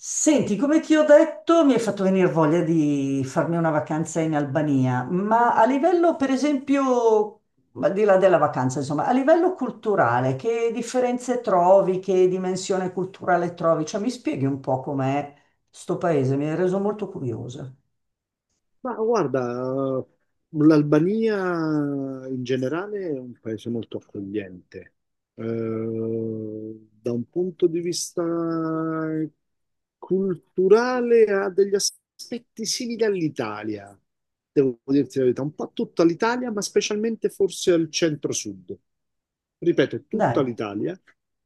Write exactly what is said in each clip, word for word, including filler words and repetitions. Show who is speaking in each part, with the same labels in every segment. Speaker 1: Senti, come ti ho detto, mi hai fatto venire voglia di farmi una vacanza in Albania, ma a livello, per esempio, al di là della vacanza, insomma, a livello culturale, che differenze trovi, che dimensione culturale trovi? Cioè, mi spieghi un po' com'è sto paese, mi hai reso molto curiosa.
Speaker 2: Ma guarda, l'Albania in generale è un paese molto accogliente. Eh, Da un punto di vista culturale ha degli aspetti simili all'Italia, devo dirti la verità, un po' a tutta l'Italia, ma specialmente forse al centro-sud. Ripeto,
Speaker 1: Dai,
Speaker 2: tutta l'Italia,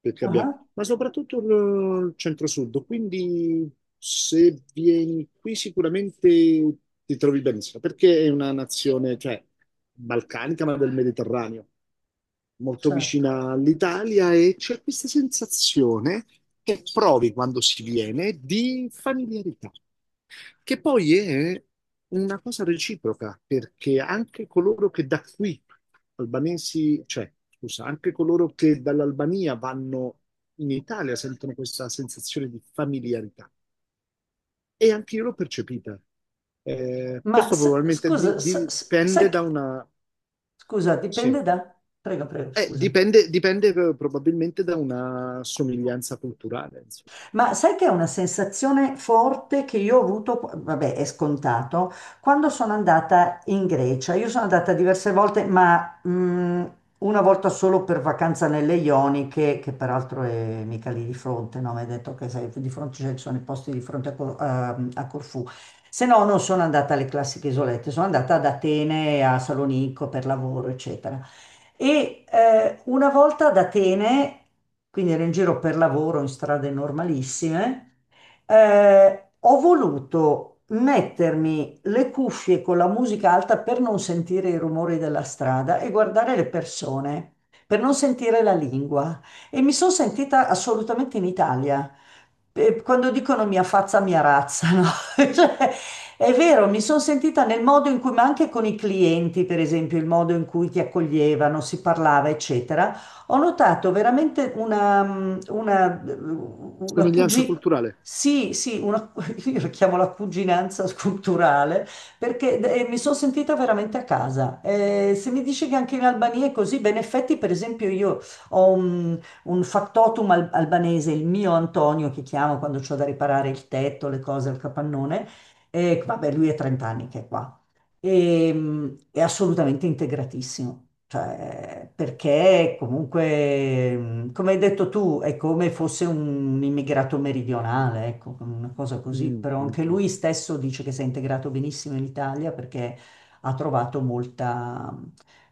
Speaker 2: perché
Speaker 1: ah,
Speaker 2: abbia-
Speaker 1: ah,
Speaker 2: ma soprattutto il il centro-sud, quindi se vieni qui sicuramente ti trovi benissimo, perché è una nazione, cioè, balcanica, ma del Mediterraneo molto
Speaker 1: certo.
Speaker 2: vicina all'Italia, e c'è questa sensazione che provi quando si viene di familiarità, che poi è una cosa reciproca, perché anche coloro che da qui, albanesi, cioè, scusa, anche coloro che dall'Albania vanno in Italia sentono questa sensazione di familiarità, e anche io l'ho percepita. Eh,
Speaker 1: Ma
Speaker 2: questo
Speaker 1: s-
Speaker 2: probabilmente
Speaker 1: scusa,
Speaker 2: di-
Speaker 1: s- s- sai
Speaker 2: dipende
Speaker 1: che...
Speaker 2: da una...
Speaker 1: Scusa,
Speaker 2: Sì.
Speaker 1: dipende da... Prego, prego,
Speaker 2: Eh,
Speaker 1: scusami.
Speaker 2: dipende, dipende pro- probabilmente da una somiglianza culturale, insomma.
Speaker 1: Ma sai che è una sensazione forte che io ho avuto, vabbè, è scontato, quando sono andata in Grecia. Io sono andata diverse volte, ma mh, una volta solo per vacanza nelle Ioniche, che peraltro è mica lì di fronte, no? Mi hai detto che sei di fronte, cioè, ci sono i posti di fronte a, Co- a- a Corfù. Se no, non sono andata alle classiche isolette, sono andata ad Atene, a Salonicco per lavoro, eccetera. E eh, una volta ad Atene, quindi ero in giro per lavoro in strade normalissime, eh, ho voluto mettermi le cuffie con la musica alta per non sentire i rumori della strada e guardare le persone, per non sentire la lingua. E mi sono sentita assolutamente in Italia. Eh, Quando dicono mia fazza, mia razza, no? Cioè, è vero, mi sono sentita nel modo in cui, ma anche con i clienti, per esempio, il modo in cui ti accoglievano, si parlava, eccetera, ho notato veramente una, mm, una, mm, una
Speaker 2: Somiglianza
Speaker 1: cugi-
Speaker 2: culturale.
Speaker 1: Sì, sì, una, io la chiamo la cuginanza culturale perché eh, mi sono sentita veramente a casa. Eh, se mi dici che anche in Albania è così, beh, in effetti, per esempio, io ho un, un factotum al- albanese, il mio Antonio che chiamo quando ho da riparare il tetto, le cose, il capannone. E, vabbè, lui è trenta anni che è qua. E, mh, è assolutamente integratissimo, cioè, perché comunque, mh, come hai detto tu, è come fosse un immigrato meridionale, ecco, una cosa così,
Speaker 2: Mm,
Speaker 1: però
Speaker 2: mm,
Speaker 1: anche
Speaker 2: mm.
Speaker 1: lui stesso dice che si è integrato benissimo in Italia perché ha trovato molta,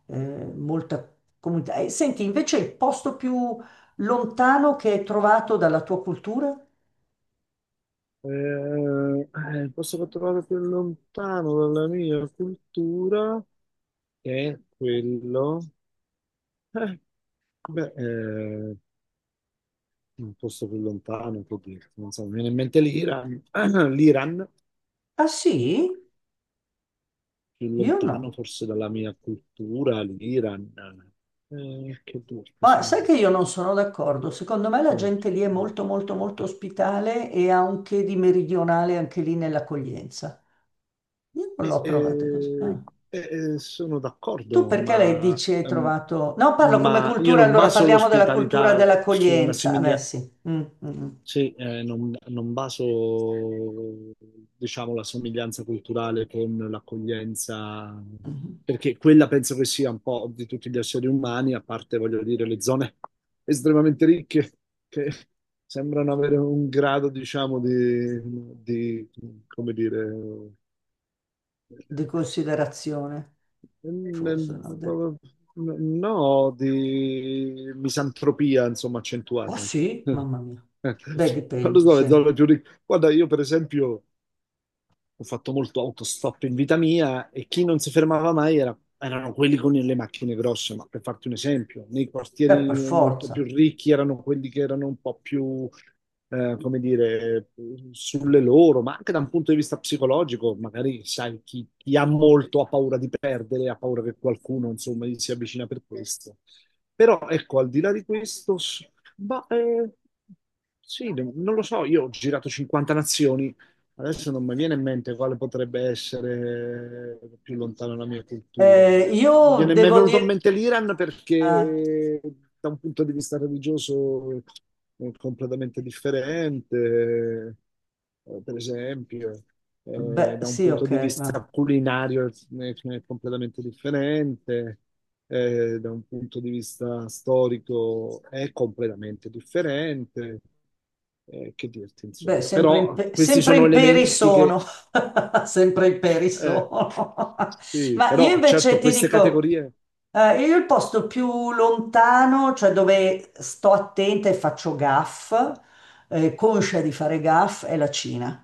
Speaker 1: eh, molta comunità. E senti, invece il posto più lontano che hai trovato dalla tua cultura?
Speaker 2: Eh, eh, posso trovare più lontano dalla mia cultura che è quello. Eh, beh, eh, un posto più lontano, può dire. Non so, mi viene in mente l'Iran. L'Iran,
Speaker 1: Ah sì?
Speaker 2: più
Speaker 1: Io no.
Speaker 2: lontano forse dalla mia cultura, l'Iran. Eh, che duro, che
Speaker 1: Ma
Speaker 2: se
Speaker 1: sai
Speaker 2: no.
Speaker 1: che io non sono d'accordo, secondo me la gente lì è
Speaker 2: Mm.
Speaker 1: molto molto molto ospitale e ha un che di meridionale anche lì nell'accoglienza. Io non
Speaker 2: Eh,
Speaker 1: l'ho trovata così.
Speaker 2: eh,
Speaker 1: Ah.
Speaker 2: eh, sono
Speaker 1: Tu
Speaker 2: d'accordo,
Speaker 1: perché lei
Speaker 2: ma,
Speaker 1: dici hai
Speaker 2: ehm,
Speaker 1: trovato... No, parlo come
Speaker 2: ma io
Speaker 1: cultura,
Speaker 2: non
Speaker 1: allora
Speaker 2: baso
Speaker 1: parliamo della cultura
Speaker 2: l'ospitalità su una
Speaker 1: dell'accoglienza. Eh, Beh,
Speaker 2: simiglia-
Speaker 1: sì. Mm, mm, mm.
Speaker 2: sì, eh, non, non baso, diciamo, la somiglianza culturale con l'accoglienza,
Speaker 1: Mm.
Speaker 2: perché quella penso che sia un po' di tutti gli esseri umani, a parte, voglio dire, le zone estremamente ricche che sembrano avere un grado, diciamo, di, di, come dire.
Speaker 1: Di considerazione,
Speaker 2: Mm.
Speaker 1: forse no. de-
Speaker 2: No, di misantropia, insomma,
Speaker 1: Oh
Speaker 2: accentuata.
Speaker 1: sì, mamma mia. Beh,
Speaker 2: Non lo
Speaker 1: dipende,
Speaker 2: so,
Speaker 1: sì,
Speaker 2: le
Speaker 1: Eh,
Speaker 2: zoologie. Guarda, io per esempio ho fatto molto autostop in vita mia, e chi non si fermava mai era- erano quelli con le macchine grosse, ma per farti un esempio, nei quartieri
Speaker 1: Per
Speaker 2: molto più
Speaker 1: forza.
Speaker 2: ricchi erano quelli che erano un po' più, eh, come dire, sulle loro, ma anche da un punto di vista psicologico, magari sai, chi, chi ha molto ha paura di perdere, ha paura che qualcuno, insomma, gli si avvicina per questo. Però ecco, al di là di questo, s- ma, eh, sì, non lo so, io ho girato cinquanta nazioni. Adesso non mi viene in mente quale potrebbe essere più lontano la mia cultura.
Speaker 1: Eh,
Speaker 2: eh. Mi
Speaker 1: io
Speaker 2: viene- mi è
Speaker 1: devo
Speaker 2: venuto in
Speaker 1: dire...
Speaker 2: mente l'Iran
Speaker 1: ah,
Speaker 2: perché eh, da un punto di vista religioso è completamente differente, eh, per esempio. Eh,
Speaker 1: beh,
Speaker 2: da un
Speaker 1: sì,
Speaker 2: punto di
Speaker 1: ok.
Speaker 2: vista culinario è, è completamente differente, eh, da un punto di vista storico è completamente differente. Eh, che dirti,
Speaker 1: Beh,
Speaker 2: insomma.
Speaker 1: sempre in,
Speaker 2: Però
Speaker 1: pe-
Speaker 2: questi
Speaker 1: sempre
Speaker 2: sono
Speaker 1: in peri
Speaker 2: elementi che...
Speaker 1: sono, sempre in peri
Speaker 2: eh,
Speaker 1: sono.
Speaker 2: sì,
Speaker 1: Ma io
Speaker 2: però
Speaker 1: invece
Speaker 2: certo
Speaker 1: ti
Speaker 2: queste
Speaker 1: dico,
Speaker 2: categorie...
Speaker 1: eh, io il posto più lontano, cioè dove sto attenta e faccio gaff, eh, conscia di fare gaff, è la Cina.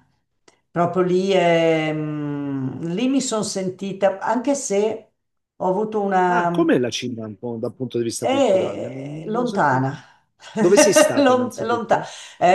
Speaker 1: Proprio lì, è, mm, lì mi sono sentita, anche se ho avuto
Speaker 2: Ah,
Speaker 1: una,
Speaker 2: com'è la Cina un po' dal punto di vista culturale? Non
Speaker 1: è
Speaker 2: non sono sempre...
Speaker 1: lontana,
Speaker 2: Dove sei stata
Speaker 1: lontana.
Speaker 2: innanzitutto?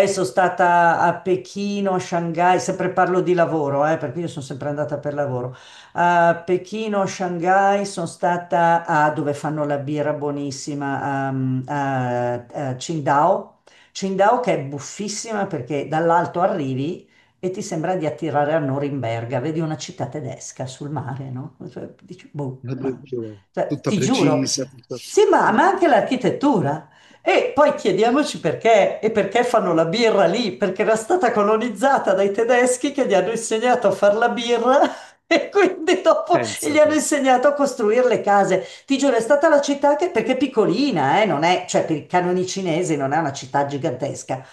Speaker 1: Sono stata a Pechino, a Shanghai, sempre parlo di lavoro, eh, perché io sono sempre andata per lavoro. A Pechino, a Shanghai, sono stata a dove fanno la birra buonissima, um, a, a Qingdao. Qingdao che è buffissima perché dall'alto arrivi e ti sembra di attirare a Norimberga, vedi una città tedesca sul mare, no? Cioè, dici, boh,
Speaker 2: La
Speaker 1: ma...
Speaker 2: religione.
Speaker 1: Cioè,
Speaker 2: Tutta
Speaker 1: ti giuro,
Speaker 2: precisa, tutta...
Speaker 1: sì, ma, ma anche l'architettura. E poi chiediamoci perché e perché fanno la birra lì, perché era stata colonizzata dai tedeschi che gli hanno insegnato a fare la birra e quindi dopo gli
Speaker 2: Pensa
Speaker 1: hanno
Speaker 2: te.
Speaker 1: insegnato a costruire le case. Ti giuro, è stata la città che, perché è piccolina, eh, non è, cioè per i canoni cinesi non è una città gigantesca,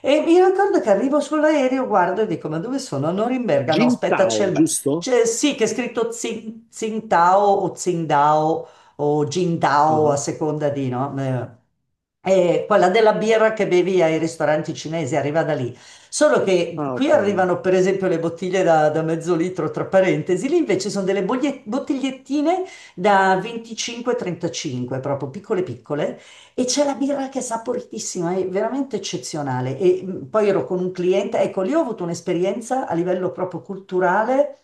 Speaker 1: e mi ricordo che arrivo sull'aereo, guardo e dico: ma dove sono? A Norimberga? No, aspetta, c'è
Speaker 2: Jintao,
Speaker 1: il. Ma-
Speaker 2: giusto?
Speaker 1: c'è- sì, che è scritto Tsing- Tsingtao o Tsingdao o Jingdao a
Speaker 2: Ah,
Speaker 1: seconda di, no? Eh, e quella della birra che bevi ai ristoranti cinesi arriva da lì. Solo che
Speaker 2: ah,
Speaker 1: qui
Speaker 2: ok.
Speaker 1: arrivano, per esempio, le bottiglie da, da mezzo litro, tra parentesi, lì invece sono delle boglie- bottigliettine da venticinque trentacinque, proprio piccole piccole, e c'è la birra che è saporitissima, è veramente eccezionale. E mh, poi ero con un cliente, ecco, lì ho avuto un'esperienza a livello proprio culturale.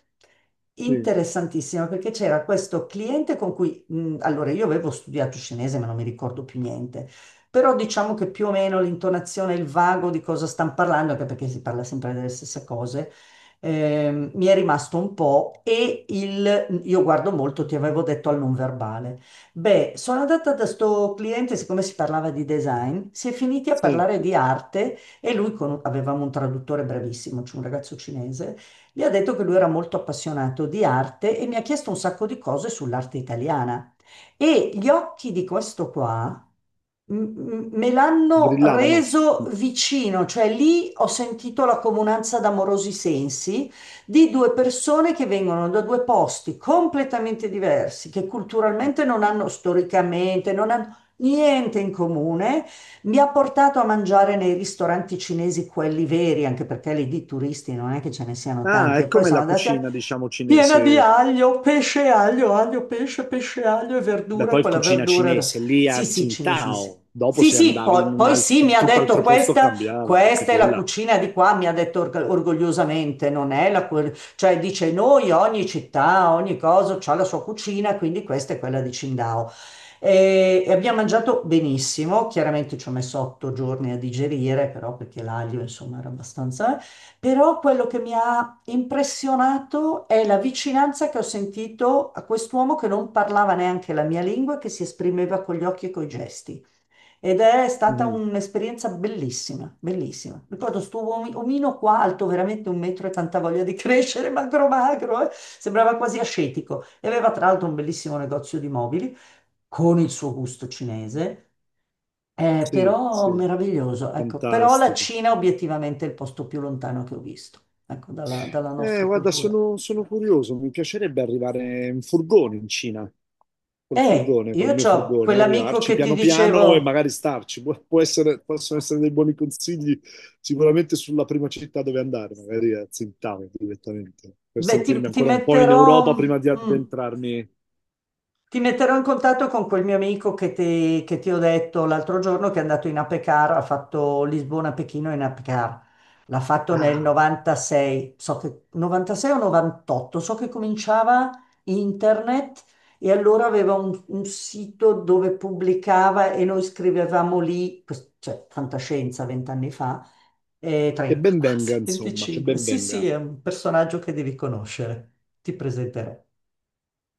Speaker 2: Sì,
Speaker 1: Interessantissima perché c'era questo cliente con cui, mh, allora io avevo studiato cinese ma non mi ricordo più niente, però diciamo che più o meno l'intonazione, il vago di cosa stanno parlando, anche perché si parla sempre delle stesse cose, ehm, mi è rimasto un po' e il, io guardo molto, ti avevo detto, al non verbale. Beh, sono andata da sto cliente, siccome si parlava di design, si è finiti a
Speaker 2: sì.
Speaker 1: parlare di arte e lui, con, avevamo un traduttore bravissimo, c'è un ragazzo cinese, gli ha detto che lui era molto appassionato di arte e mi ha chiesto un sacco di cose sull'arte italiana. E gli occhi di questo qua m- me l'hanno
Speaker 2: Brillavano.
Speaker 1: reso vicino, cioè lì ho sentito la comunanza d'amorosi sensi di due persone che vengono da due posti completamente diversi, che culturalmente non hanno, storicamente, non hanno niente in comune. Mi ha portato a mangiare nei ristoranti cinesi, quelli veri, anche perché lì di turisti non è che ce ne siano
Speaker 2: Ah,
Speaker 1: tanti, e
Speaker 2: è
Speaker 1: poi
Speaker 2: come
Speaker 1: siamo
Speaker 2: la
Speaker 1: andati a...
Speaker 2: cucina, diciamo,
Speaker 1: Piena di
Speaker 2: cinese.
Speaker 1: aglio, pesce e aglio, aglio, pesce, pesce, e aglio e
Speaker 2: Beh,
Speaker 1: verdura,
Speaker 2: poi
Speaker 1: quella
Speaker 2: cucina
Speaker 1: verdura. da-
Speaker 2: cinese, lì a
Speaker 1: Sì, sì, cinesi.
Speaker 2: Tsingtao, dopo
Speaker 1: Sì,
Speaker 2: se
Speaker 1: sì,
Speaker 2: andavi
Speaker 1: poi,
Speaker 2: in un
Speaker 1: poi sì, mi
Speaker 2: alt-
Speaker 1: ha
Speaker 2: tutt'altro
Speaker 1: detto
Speaker 2: posto
Speaker 1: questa,
Speaker 2: cambiava anche
Speaker 1: questa è la
Speaker 2: quella.
Speaker 1: cucina di qua, mi ha detto org- orgogliosamente, non è la... que- cioè dice noi, ogni città, ogni cosa ha la sua cucina, quindi questa è quella di Qingdao. E, e abbiamo mangiato benissimo, chiaramente ci ho messo otto giorni a digerire, però perché l'aglio, insomma, era abbastanza... eh. Però quello che mi ha impressionato è la vicinanza che ho sentito a quest'uomo che non parlava neanche la mia lingua, e che si esprimeva con gli occhi e coi gesti. Ed è stata
Speaker 2: Mhm.
Speaker 1: un'esperienza bellissima, bellissima. Ricordo sto uomi- omino qua, alto veramente un metro e tanta voglia di crescere, magro magro, eh, sembrava quasi ascetico. E aveva tra l'altro un bellissimo negozio di mobili con il suo gusto cinese, eh,
Speaker 2: Sì,
Speaker 1: però
Speaker 2: sì,
Speaker 1: meraviglioso, ecco. Però la
Speaker 2: fantastico.
Speaker 1: Cina obiettivamente è il posto più lontano che ho visto, ecco, dalla, dalla
Speaker 2: Eh,
Speaker 1: nostra
Speaker 2: guarda,
Speaker 1: cultura.
Speaker 2: sono, sono curioso, mi piacerebbe arrivare in furgone in Cina, col
Speaker 1: E
Speaker 2: furgone, col
Speaker 1: io
Speaker 2: mio
Speaker 1: ho
Speaker 2: furgone,
Speaker 1: quell'amico
Speaker 2: arrivarci
Speaker 1: che ti
Speaker 2: piano piano e
Speaker 1: dicevo,
Speaker 2: magari starci. Può, può essere- possono essere dei buoni consigli sicuramente sulla prima città dove andare, magari a Tsingtao direttamente, per
Speaker 1: beh, ti,
Speaker 2: sentirmi
Speaker 1: ti
Speaker 2: ancora un po' in
Speaker 1: metterò,
Speaker 2: Europa prima di
Speaker 1: mm,
Speaker 2: addentrarmi.
Speaker 1: ti metterò in contatto con quel mio amico che ti, che ti ho detto l'altro giorno che è andato in Apecar, ha fatto Lisbona-Pechino in Apecar. L'ha fatto nel
Speaker 2: Ah,
Speaker 1: novantasei, so che novantasei o novantotto, so che cominciava internet e allora aveva un, un sito dove pubblicava e noi scrivevamo lì, quest- cioè fantascienza vent'anni fa, eh,
Speaker 2: che
Speaker 1: trenta
Speaker 2: ben venga,
Speaker 1: quasi,
Speaker 2: insomma, che
Speaker 1: venticinque.
Speaker 2: ben
Speaker 1: Sì,
Speaker 2: venga.
Speaker 1: sì, è un personaggio che devi conoscere. Ti presenterò.